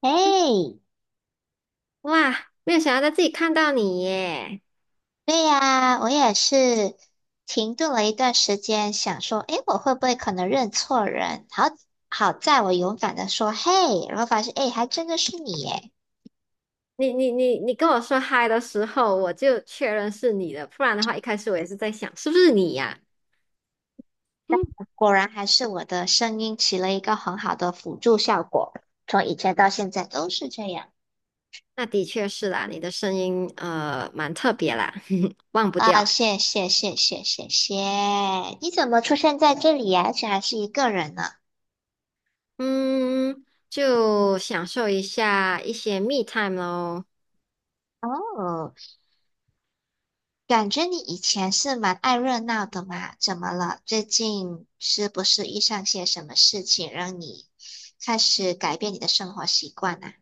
哎，哇，没有想到在自己看到你耶！对呀，我也是停顿了一段时间，想说，哎，我会不会可能认错人？好，好在我勇敢的说，嘿，然后发现，哎，还真的是你耶！你跟我说嗨的时候，我就确认是你的。不然的话，一开始我也是在想是不是你呀。嗯，果然还是我的声音起了一个很好的辅助效果，从以前到现在都是这样那的确是啦，你的声音蛮特别啦，忘不啊！掉。谢谢，谢谢，谢谢！你怎么出现在这里呀？而且还是一个人呢？嗯，就享受一下一些密 e time 咯。哦。感觉你以前是蛮爱热闹的嘛，怎么了？最近是不是遇上些什么事情，让你开始改变你的生活习惯啊？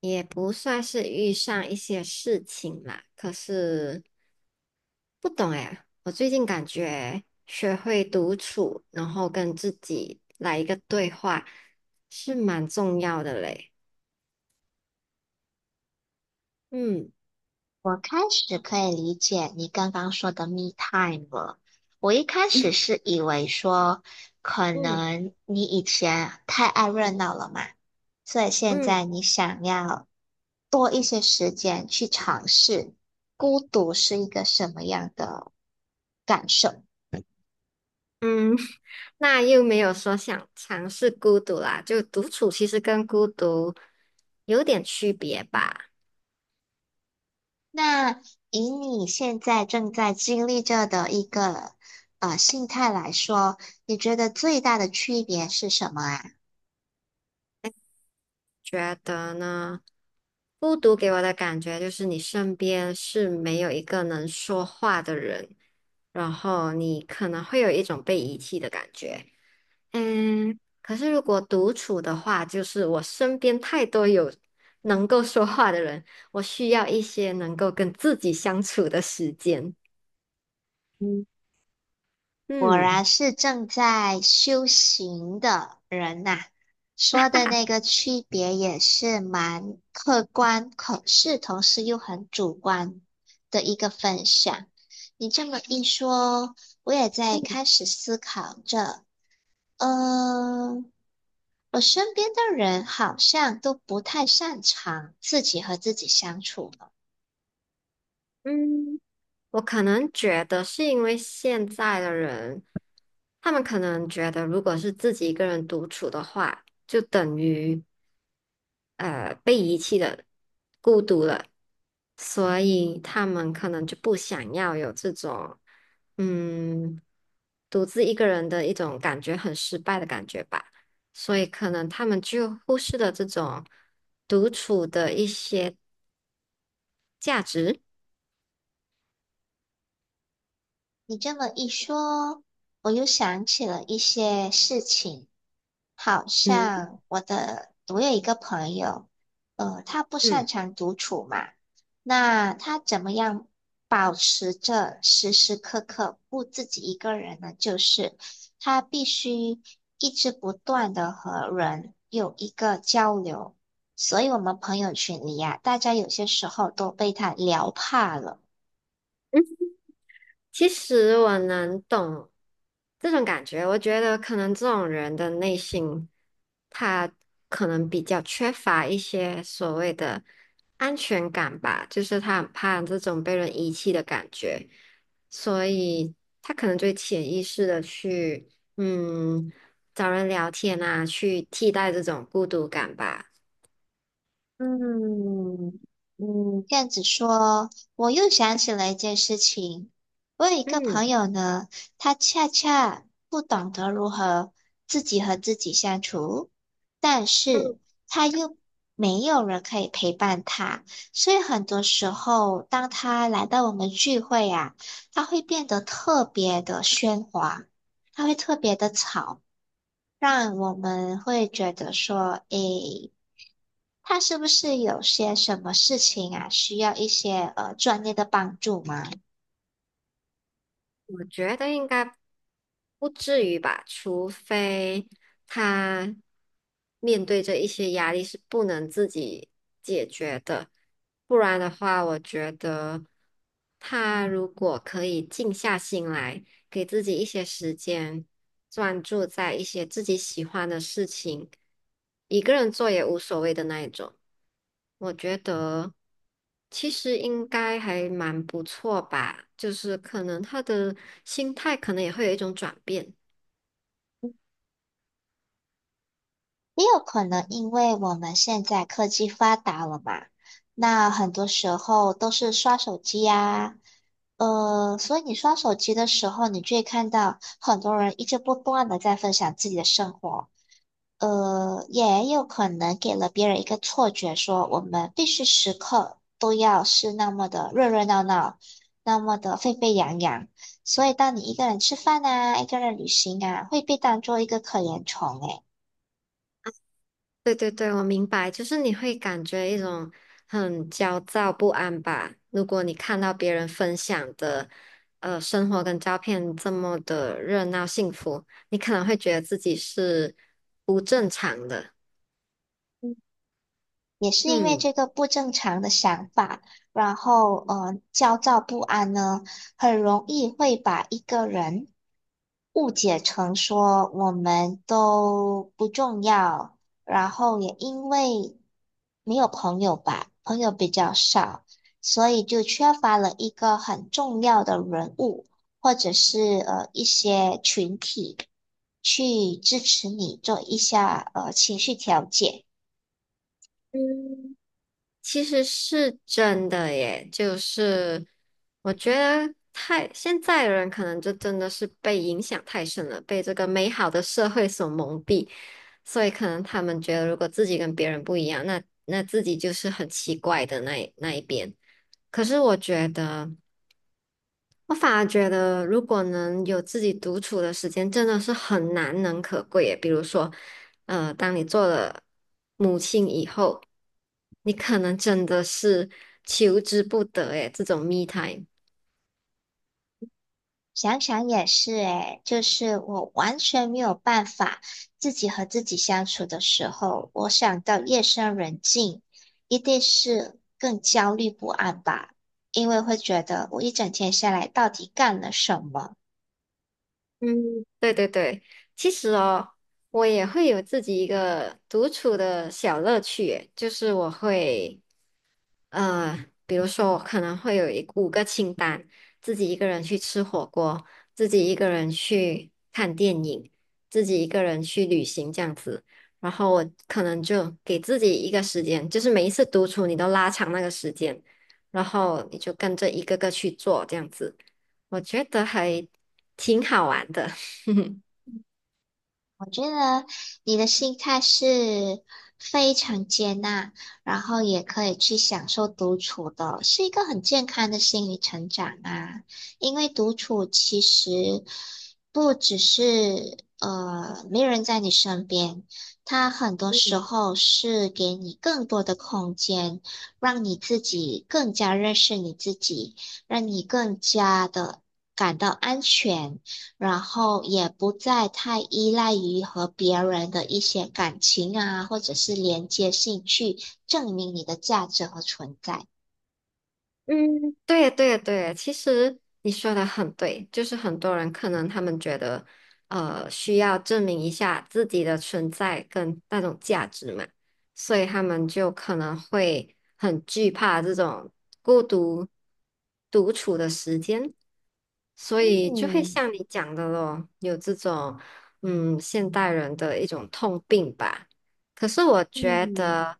也不算是遇上一些事情啦，可是不懂哎，我最近感觉学会独处，然后跟自己来一个对话，是蛮重要的嘞。嗯我开始可以理解你刚刚说的 me time 了。我一开始是以为说，可嗯能你以前太爱热闹了嘛，所以现嗯在你想要多一些时间去尝试孤独是一个什么样的感受。嗯，那又没有说想尝试孤独啦，就独处其实跟孤独有点区别吧？那以你现在正在经历着的一个心态来说，你觉得最大的区别是什么啊？觉得呢，孤独给我的感觉就是你身边是没有一个能说话的人，然后你可能会有一种被遗弃的感觉。可是如果独处的话，就是我身边太多有能够说话的人，我需要一些能够跟自己相处的时间。嗯，果嗯然是正在修行的人呐、说的那个区别也是蛮客观，可是同时又很主观的一个分享。你这么一说，我也在嗯开始思考着，嗯、我身边的人好像都不太擅长自己和自己相处呢。嗯。我可能觉得是因为现在的人，他们可能觉得，如果是自己一个人独处的话，就等于被遗弃的、孤独了，所以他们可能就不想要有这种嗯独自一个人的一种感觉，很失败的感觉吧。所以可能他们就忽视了这种独处的一些价值。你这么一说，我又想起了一些事情，好嗯像我的，我有一个朋友，他不擅嗯。长独处嘛，那他怎么样保持着时时刻刻不自己一个人呢？就是他必须一直不断的和人有一个交流，所以我们朋友群里呀，大家有些时候都被他聊怕了。其实我能懂这种感觉，我觉得可能这种人的内心，他可能比较缺乏一些所谓的安全感吧，就是他很怕这种被人遗弃的感觉，所以他可能就会潜意识的去，嗯，找人聊天啊，去替代这种孤独感吧。嗯嗯，这样子说，我又想起了一件事情。我有一个朋嗯友呢，他恰恰不懂得如何自己和自己相处，但是嗯。他又没有人可以陪伴他，所以很多时候，当他来到我们聚会啊，他会变得特别的喧哗，他会特别的吵。让我们会觉得说，诶，他是不是有些什么事情啊，需要一些专业的帮助吗？我觉得应该不至于吧，除非他面对着一些压力是不能自己解决的。不然的话，我觉得他如果可以静下心来，给自己一些时间，专注在一些自己喜欢的事情，一个人做也无所谓的那一种。我觉得其实应该还蛮不错吧，就是可能他的心态可能也会有一种转变。也有可能因为我们现在科技发达了嘛，那很多时候都是刷手机呀，所以你刷手机的时候，你就会看到很多人一直不断的在分享自己的生活。也有可能给了别人一个错觉，说我们必须时刻都要是那么的热热闹闹，那么的沸沸扬扬。所以，当你一个人吃饭啊，一个人旅行啊，会被当做一个可怜虫诶。对对对，我明白，就是你会感觉一种很焦躁不安吧？如果你看到别人分享的生活跟照片这么的热闹幸福，你可能会觉得自己是不正常的。也是因为嗯。这个不正常的想法，然后焦躁不安呢，很容易会把一个人误解成说我们都不重要，然后也因为没有朋友吧，朋友比较少，所以就缺乏了一个很重要的人物，或者是一些群体去支持你做一下情绪调节。嗯，其实是真的耶，就是我觉得现在的人可能就真的是被影响太深了，被这个美好的社会所蒙蔽，所以可能他们觉得如果自己跟别人不一样，那自己就是很奇怪的那一边。可是我觉得。我反而觉得，如果能有自己独处的时间，真的是很难能可贵耶。比如说，当你做了母亲以后，你可能真的是求之不得诶这种 me time。想想也是诶，就是我完全没有办法自己和自己相处的时候，我想到夜深人静，一定是更焦虑不安吧，因为会觉得我一整天下来到底干了什么。嗯，对对对，其实哦，我也会有自己一个独处的小乐趣耶，就是我会比如说我可能会有五个清单，自己一个人去吃火锅，自己一个人去看电影，自己一个人去旅行这样子。然后我可能就给自己一个时间，就是每一次独处你都拉长那个时间，然后你就跟着一个个去做这样子，我觉得还挺好玩的。觉得你的心态是非常接纳，然后也可以去享受独处的，是一个很健康的心理成长啊。因为独处其实不只是没人在你身边，它很多时候是给你更多的空间，让你自己更加认识你自己，让你更加的感到安全。然后也不再太依赖于和别人的一些感情啊，或者是连接性去证明你的价值和存在。嗯，对对对，其实你说的很对，就是很多人可能他们觉得，需要证明一下自己的存在跟那种价值嘛，所以他们就可能会很惧怕这种孤独独处的时间，所以就会嗯像你讲的咯，有这种现代人的一种痛病吧。可是我觉嗯，得。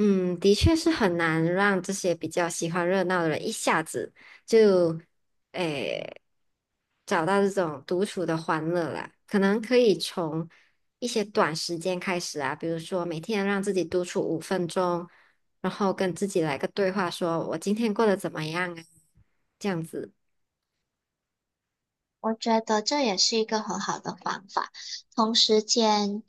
的确是很难让这些比较喜欢热闹的人一下子就，诶，找到这种独处的欢乐啦。可能可以从一些短时间开始啊，比如说每天让自己独处5分钟，然后跟自己来个对话说，我今天过得怎么样啊？这样子。我觉得这也是一个很好的方法。同时间，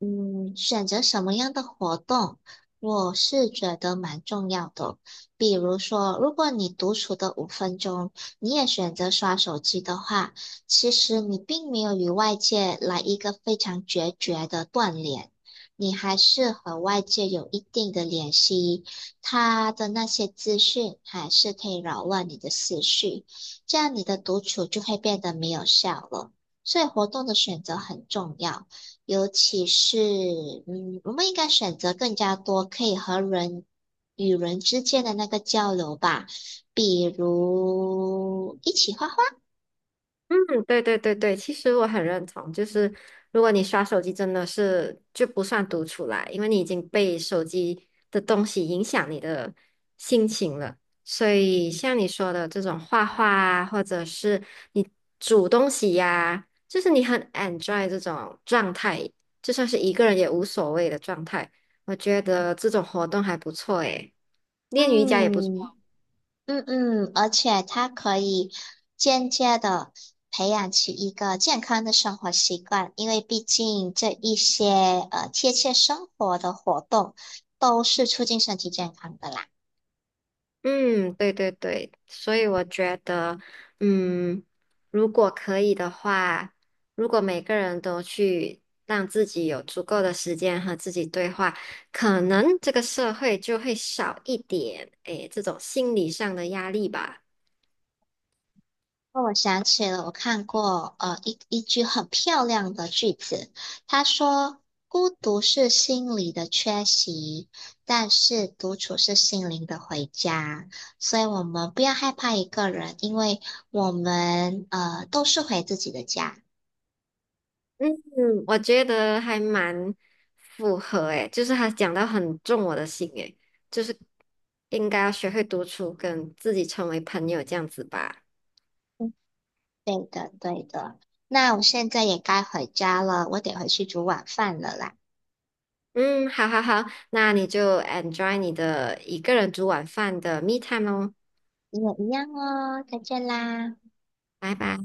嗯，选择什么样的活动，我是觉得蛮重要的哦。比如说，如果你独处的5分钟，你也选择刷手机的话，其实你并没有与外界来一个非常决绝的断联，你还是和外界有一定的联系，他的那些资讯还是可以扰乱你的思绪。这样你的独处就会变得没有效了。所以活动的选择很重要，尤其是嗯，我们应该选择更加多可以和人与人之间的那个交流吧，比如一起画画。嗯，对对对对，其实我很认同，就是如果你刷手机，真的是就不算独处啦，因为你已经被手机的东西影响你的心情了。所以像你说的这种画画啊，或者是你煮东西呀，就是你很 enjoy 这种状态，就算是一个人也无所谓的状态，我觉得这种活动还不错诶。练瑜伽也不错。嗯嗯嗯，而且它可以间接的培养起一个健康的生活习惯，因为毕竟这一些贴切生活的活动都是促进身体健康的啦。嗯，对对对，所以我觉得，嗯，如果可以的话，如果每个人都去让自己有足够的时间和自己对话，可能这个社会就会少一点，诶，这种心理上的压力吧。哦，我想起了，我看过一句很漂亮的句子，他说：“孤独是心理的缺席，但是独处是心灵的回家。”所以，我们不要害怕一个人，因为我们都是回自己的家。嗯，我觉得还蛮符合，诶，就是他讲到很中我的心，诶，就是应该要学会独处，跟自己成为朋友这样子吧。嗯对的，对的。那我现在也该回家了，我得回去煮晚饭了啦。嗯，好好好，那你就 enjoy 你的一个人煮晚饭的 me time 哦，你也一样哦，再见啦。拜拜。